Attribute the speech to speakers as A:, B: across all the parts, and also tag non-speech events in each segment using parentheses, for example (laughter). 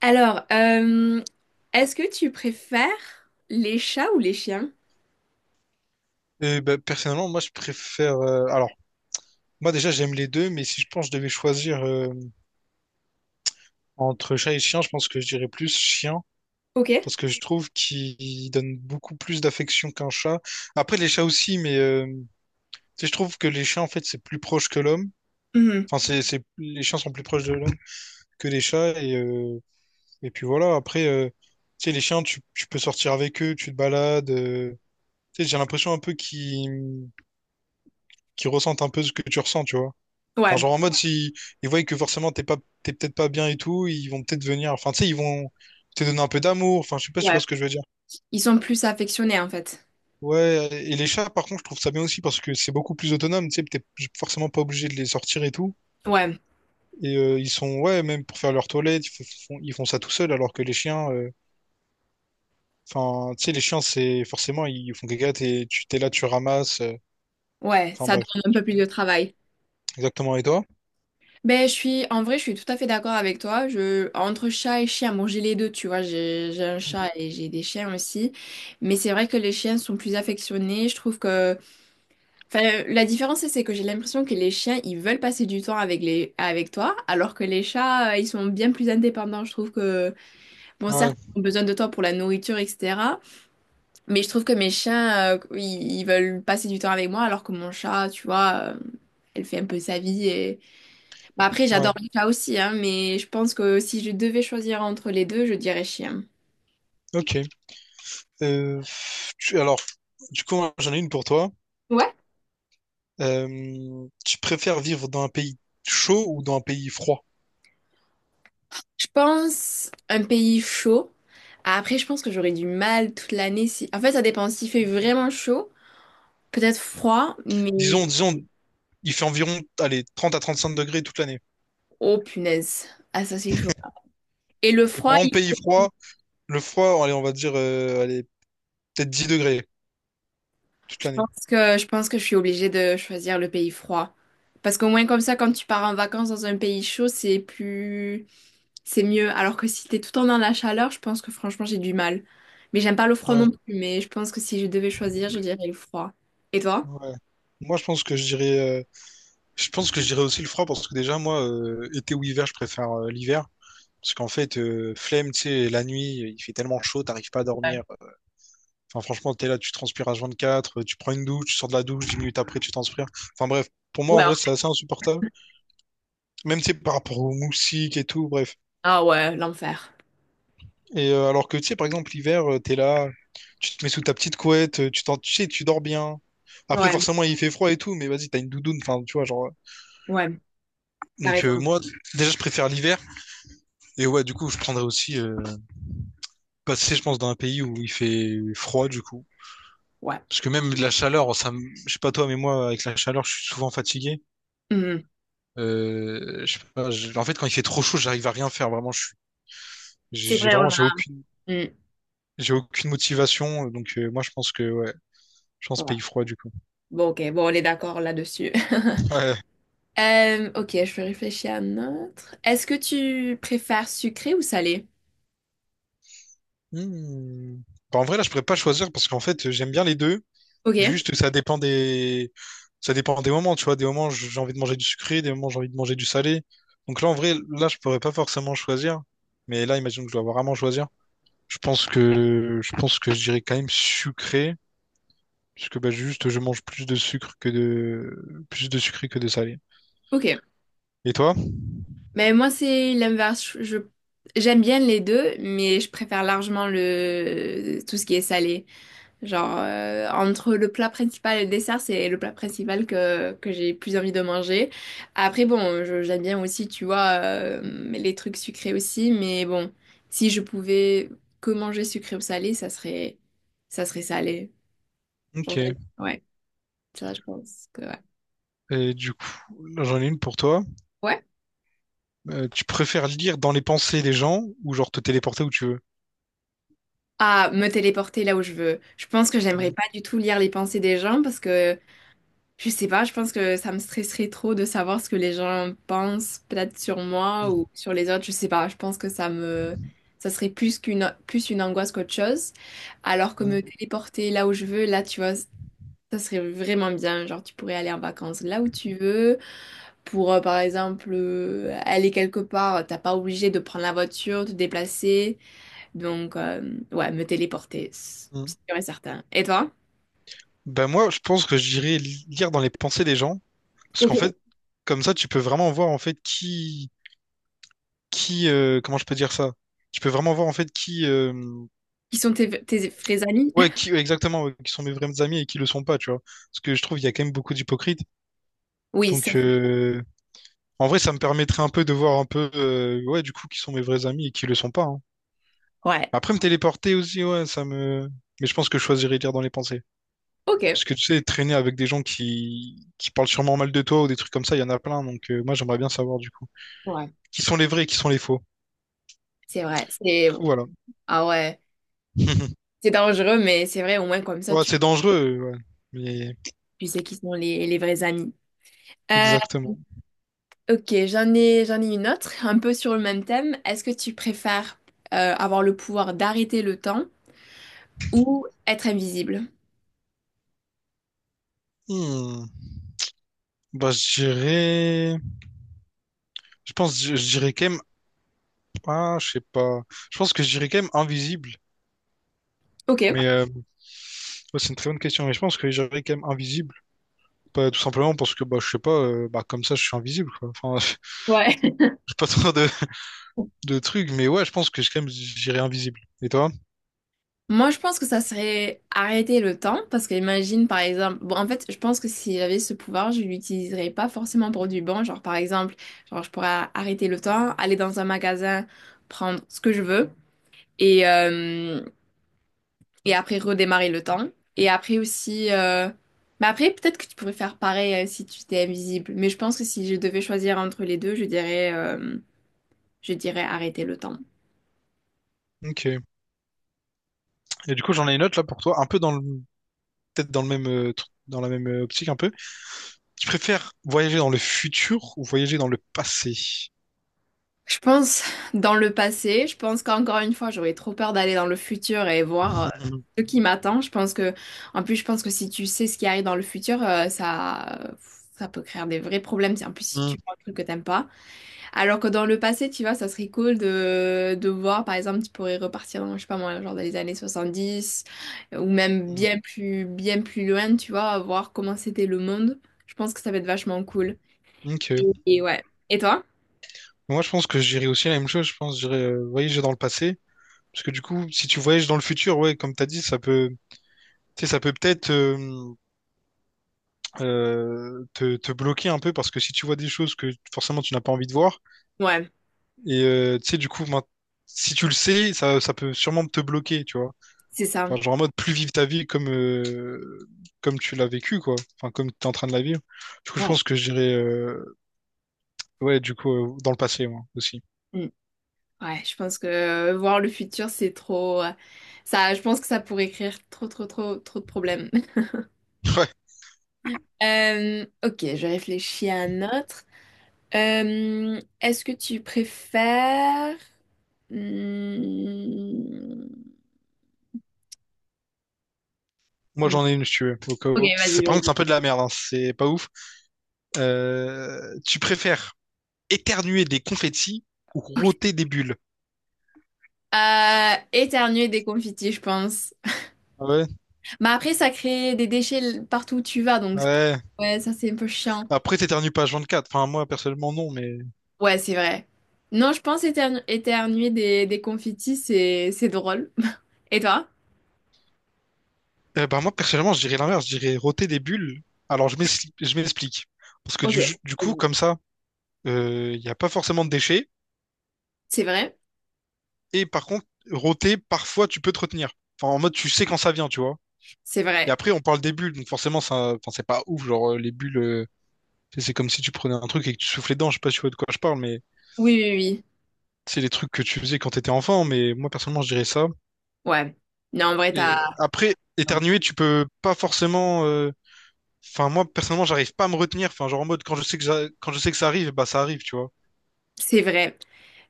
A: Alors, euh, Est-ce que tu préfères les chats ou les chiens?
B: Et ben, personnellement, moi, je préfère, alors, moi, déjà, j'aime les deux, mais si je pense que je devais choisir entre chat et chien, je pense que je dirais plus chien,
A: Ok.
B: parce que je trouve qu'il donne beaucoup plus d'affection qu'un chat. Après, les chats aussi, mais tu sais, je trouve que les chiens, en fait, c'est plus proche que l'homme.
A: Mhm.
B: Enfin, c'est les chiens sont plus proches de l'homme que les chats, et puis voilà. Après, tu sais, les chiens, tu peux sortir avec eux, tu te balades. Tu sais, j'ai l'impression un peu qu'ils ressentent un peu ce que tu ressens, tu vois. Enfin,
A: Ouais,
B: genre en mode, si ils voient que forcément t'es peut-être pas bien et tout, ils vont peut-être venir. Enfin, tu sais, ils vont te donner un peu d'amour. Enfin, je sais pas si tu
A: ouais.
B: vois ce que je veux dire.
A: Ils sont plus affectionnés en fait.
B: Ouais, et les chats, par contre, je trouve ça bien aussi parce que c'est beaucoup plus autonome. Tu sais, t'es forcément pas obligé de les sortir et tout.
A: Ouais,
B: Et ils sont, ouais, même pour faire leur toilette, ils font ça tout seuls alors que les chiens, enfin, tu sais, les chiens, c'est forcément, ils font caca, t'es, tu t'es là, tu ramasses. euh,
A: ouais,
B: Enfin,
A: ça
B: bref,
A: demande un peu plus de travail.
B: exactement. Et toi?
A: Ben, en vrai, je suis tout à fait d'accord avec toi. Entre chat et chien, bon, j'ai les deux, tu vois, j'ai un
B: Mm.
A: chat et j'ai des chiens aussi. Mais c'est vrai que les chiens sont plus affectionnés. Enfin, la différence, c'est que j'ai l'impression que les chiens, ils veulent passer du temps avec avec toi, alors que les chats, ils sont bien plus indépendants. Je trouve que bon, certes,
B: Ouais,
A: ils ont besoin de toi pour la nourriture, etc. Mais je trouve que mes chiens, ils veulent passer du temps avec moi, alors que mon chat, tu vois, elle fait un peu sa vie. Et bah, après,
B: ouais,
A: j'adore les chats aussi, hein, mais je pense que si je devais choisir entre les deux, je dirais chien.
B: ok. Euh, alors, du coup, j'en ai une pour toi.
A: Ouais.
B: Tu préfères vivre dans un pays chaud ou dans un pays froid?
A: Je pense un pays chaud. Après, je pense que j'aurais du mal toute l'année. Si en fait, ça dépend. S'il fait vraiment chaud, peut-être froid, mais
B: Disons, il fait environ, allez, 30 à 35 degrés toute l'année.
A: oh punaise, ah ça c'est chaud. Et le
B: Et
A: froid,
B: par exemple, pays froid, le froid, allez, on va dire, allez, peut-être 10 degrés toute l'année.
A: Je pense que je suis obligée de choisir le pays froid. Parce qu'au moins comme ça, quand tu pars en vacances dans un pays chaud, c'est mieux. Alors que si t'es tout le temps dans la chaleur, je pense que franchement j'ai du mal. Mais j'aime pas le froid
B: Ouais,
A: non plus, mais je pense que si je devais choisir, je dirais le froid. Et toi?
B: ouais. Moi, je pense que je pense que je dirais aussi le froid parce que déjà, moi, été ou hiver, je préfère l'hiver. Parce qu'en fait, flemme, tu sais, la nuit, il fait tellement chaud, t'arrives pas à
A: Ouais.
B: dormir. Enfin, franchement, t'es là, tu transpires H24, quatre, tu prends une douche, tu sors de la douche, 10 minutes après, tu transpires. Enfin, bref, pour moi, en
A: Ouais.
B: vrai, c'est assez insupportable. Même, tu sais, par rapport aux moustiques et tout, bref.
A: Ah ouais, l'enfer.
B: Et alors que, tu sais, par exemple, l'hiver, t'es là, tu te mets sous ta petite couette, tu sais, tu dors bien. Après,
A: Ouais,
B: forcément, il fait froid et tout, mais vas-y, t'as une doudoune, enfin, tu vois, genre.
A: ouais, t'as
B: Donc,
A: raison.
B: moi, déjà, je préfère l'hiver. Et ouais, du coup, je prendrais aussi passer, je pense, dans un pays où il fait froid, du coup.
A: Ouais.
B: Parce que même de la chaleur, je sais pas toi, mais moi, avec la chaleur, je suis souvent fatigué.
A: Mhm.
B: Je sais pas, je- En fait, quand il fait trop chaud, j'arrive à rien faire. Vraiment, je suis, j'ai
A: C'est
B: j'ai
A: vrai, on
B: vraiment,
A: a.
B: j'ai aucune,
A: Mm,
B: j'ai aucune motivation. Donc, moi, je pense que, ouais, je pense
A: ouais.
B: pays froid, du coup.
A: Bon, ok, bon, on est d'accord là-dessus. (laughs)
B: Ouais.
A: Ok, je vais réfléchir à un autre. Est-ce que tu préfères sucré ou salé?
B: Hmm. Bah, en vrai, là, je pourrais pas choisir parce qu'en fait, j'aime bien les deux.
A: Ok,
B: Juste, ça dépend des moments, tu vois. Des moments, j'ai envie de manger du sucré, des moments, j'ai envie de manger du salé. Donc là, en vrai, là, je pourrais pas forcément choisir. Mais là, imagine que je dois vraiment choisir. Je pense que je dirais quand même sucré. Parce que bah, juste, je mange plus de sucre que de... plus de sucré que de salé.
A: ok.
B: Et toi?
A: Mais moi, c'est l'inverse. J'aime bien les deux, mais je préfère largement le, tout ce qui est salé. Genre, entre le plat principal et le dessert, c'est le plat principal que j'ai plus envie de manger. Après, bon, j'aime bien aussi, tu vois, les trucs sucrés aussi, mais bon, si je pouvais que manger sucré ou salé, ça serait salé. Genre,
B: Ok.
A: ouais, ça, je pense que ouais.
B: Et du coup, là, j'en ai une pour toi.
A: Ouais,
B: Tu préfères lire dans les pensées des gens ou genre te téléporter où tu veux?
A: à me téléporter là où je veux. Je pense que j'aimerais
B: Ouais.
A: pas du tout lire les pensées des gens parce que je sais pas, je pense que ça me stresserait trop de savoir ce que les gens pensent peut-être sur moi
B: Mm,
A: ou sur les autres, je sais pas. Je pense que ça me Ça serait plus une angoisse qu'autre chose. Alors que
B: mm,
A: me téléporter là où je veux, là tu vois, ça serait vraiment bien. Genre tu pourrais aller en vacances là où tu veux pour par exemple aller quelque part, t'as pas obligé de prendre la voiture, te déplacer. Donc, ouais, me téléporter, c'est
B: mm.
A: sûr et certain. Et toi?
B: Ben moi, je pense que lire dans les pensées des gens, parce qu'en
A: Ok.
B: fait, comme ça, tu peux vraiment voir en fait comment je peux dire ça? Tu peux vraiment voir en fait
A: Qui sont tes, tes vrais amis?
B: ouais,
A: (laughs)
B: qui ouais, exactement, ouais, qui sont mes vrais amis et qui le sont pas, tu vois. Parce que je trouve qu'il y a quand même beaucoup d'hypocrites.
A: Oui, ça,
B: Donc,
A: c'est-
B: en vrai, ça me permettrait un peu de voir un peu, ouais, du coup, qui sont mes vrais amis et qui le sont pas, hein.
A: ouais.
B: Après, me téléporter aussi, ouais, ça me. Mais je pense que je choisirais lire dans les pensées.
A: Ok,
B: Parce que tu sais, traîner avec des gens qui parlent sûrement mal de toi ou des trucs comme ça, il y en a plein. Donc, moi, j'aimerais bien savoir, du coup,
A: ouais.
B: qui sont les vrais et qui sont les faux.
A: C'est vrai.
B: Du coup, voilà.
A: Ah ouais,
B: (laughs)
A: c'est dangereux, mais c'est vrai, au moins comme ça,
B: Ouais,
A: tu,
B: c'est dangereux, ouais. Mais,
A: tu sais qui sont les vrais amis. Euh,
B: exactement.
A: ok, j'en ai une autre, un peu sur le même thème. Est-ce que tu préfères avoir le pouvoir d'arrêter le temps ou être invisible?
B: Hmm. Bah, je dirais. Je pense, je dirais quand même. Ah, je sais pas. Je pense que je dirais quand même invisible.
A: Ok,
B: Mais, euh, ouais, c'est une très bonne question. Mais je pense que je dirais quand même invisible. Bah, tout simplement parce que bah, je sais pas, bah, comme ça je suis invisible quoi. Enfin, (laughs)
A: ouais.
B: j'ai pas trop de trucs, mais ouais, je pense que quand même j'irai invisible. Et toi?
A: Moi, je pense que ça serait arrêter le temps, parce que imagine, par exemple, bon, en fait, je pense que si j'avais ce pouvoir, je l'utiliserais pas forcément pour du bon. Genre, par exemple, genre, je pourrais arrêter le temps, aller dans un magasin, prendre ce que je veux, et, euh, et après redémarrer le temps. Et après aussi, euh, mais après, peut-être que tu pourrais faire pareil, si tu étais invisible. Mais je pense que si je devais choisir entre les deux, je dirais arrêter le temps.
B: Ok. Et du coup, j'en ai une autre là pour toi, un peu dans le, peut-être dans le même, dans la même optique un peu. Tu préfères voyager dans le futur ou voyager dans le passé?
A: Je pense dans le passé, je pense qu'encore une fois, j'aurais trop peur d'aller dans le futur et voir
B: Mhm.
A: ce qui m'attend. En plus, je pense que si tu sais ce qui arrive dans le futur, ça peut créer des vrais problèmes. Si- En plus, si
B: Mhm.
A: tu vois un truc que t'aimes pas. Alors que dans le passé, tu vois, ça serait cool de voir, par exemple, tu pourrais repartir dans, je sais pas moi, genre dans les années 70 ou même
B: Mhm.
A: bien plus loin, tu vois, voir comment c'était le monde. Je pense que ça va être vachement cool.
B: (laughs) Ok.
A: Et ouais. Et toi?
B: Moi, je pense que j'irai aussi la même chose. Je pense j'irai voyager dans le passé. Parce que du coup, si tu voyages dans le futur, ouais, comme t'as dit, ça peut, tu sais, ça peut peut-être, te bloquer un peu parce que si tu vois des choses que forcément tu n'as pas envie de voir,
A: Ouais,
B: et tu sais, du coup, si tu le sais, ça peut sûrement te bloquer, tu vois.
A: c'est ça.
B: Enfin, genre en mode plus vivre ta vie comme, comme tu l'as vécu, quoi. Enfin, comme tu es en train de la vivre. Du coup, je
A: Ouais.
B: pense que ouais, du coup, dans le passé, moi aussi.
A: Ouais, je pense que voir le futur, c'est trop. Ça, je pense que ça pourrait créer trop de problèmes. (laughs)
B: (laughs) Ouais.
A: Ok, je réfléchis à un autre. Est-ce que tu préfères? Hmm.
B: Moi, j'en ai une, si tu veux, au cas
A: Ok,
B: où. C'est, par contre,
A: vas-y.
B: c'est un peu de la merde, hein. C'est pas ouf. Tu préfères éternuer des confettis ou rôter des bulles?
A: Éternuer des confitis, je pense.
B: Ah ouais,
A: Mais après, ça crée des déchets partout où tu vas, donc
B: ouais.
A: ouais, ça, c'est un peu chiant.
B: Après, t'éternues pas quatre. Enfin, moi, personnellement, non, mais.
A: Ouais, c'est vrai. Non, je pense éternuer des confitis, c'est drôle. Et toi?
B: Eh ben, moi, personnellement, je dirais l'inverse. Je dirais roter des bulles. Alors, je m'explique. Parce que
A: Ok.
B: du coup,
A: Vas-y.
B: comme ça, il n'y a pas forcément de déchets.
A: C'est vrai?
B: Et par contre, roter, parfois, tu peux te retenir. Enfin, en mode, tu sais quand ça vient, tu vois.
A: C'est
B: Et
A: vrai.
B: après, on parle des bulles. Donc, forcément, ça... enfin, c'est pas ouf. Genre, les bulles, c'est comme si tu prenais un truc et que tu soufflais dedans. Je sais pas si tu vois de quoi je parle, mais
A: Oui, oui,
B: c'est les trucs que tu faisais quand t'étais enfant. Mais moi, personnellement, je dirais ça.
A: oui. Ouais. Non, en vrai,
B: Et
A: t'as...
B: après, éternuer, tu peux pas forcément. Enfin, moi, personnellement, j'arrive pas à me retenir. Enfin, genre en mode, quand je sais que, quand je sais que ça arrive, bah ça arrive, tu vois.
A: C'est vrai.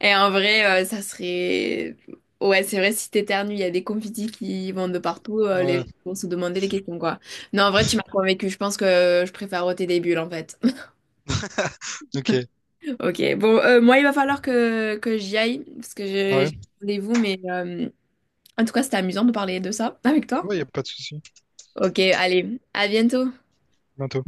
A: Et en vrai, ça serait... Ouais, c'est vrai, si t'éternues, il y a des confettis qui vont de partout, les
B: Ouais,
A: gens vont se demander des questions, quoi. Non, en vrai, tu m'as convaincue. Je pense que je préfère ôter des bulles, en fait.
B: ok.
A: (laughs) Ok, bon, moi, il va falloir que j'y aille, parce que
B: Ouais,
A: j'ai rendez-vous, mais en tout cas, c'était amusant de parler de ça avec toi.
B: ouais, y a pas de souci.
A: Ok, allez, à bientôt.
B: Bientôt.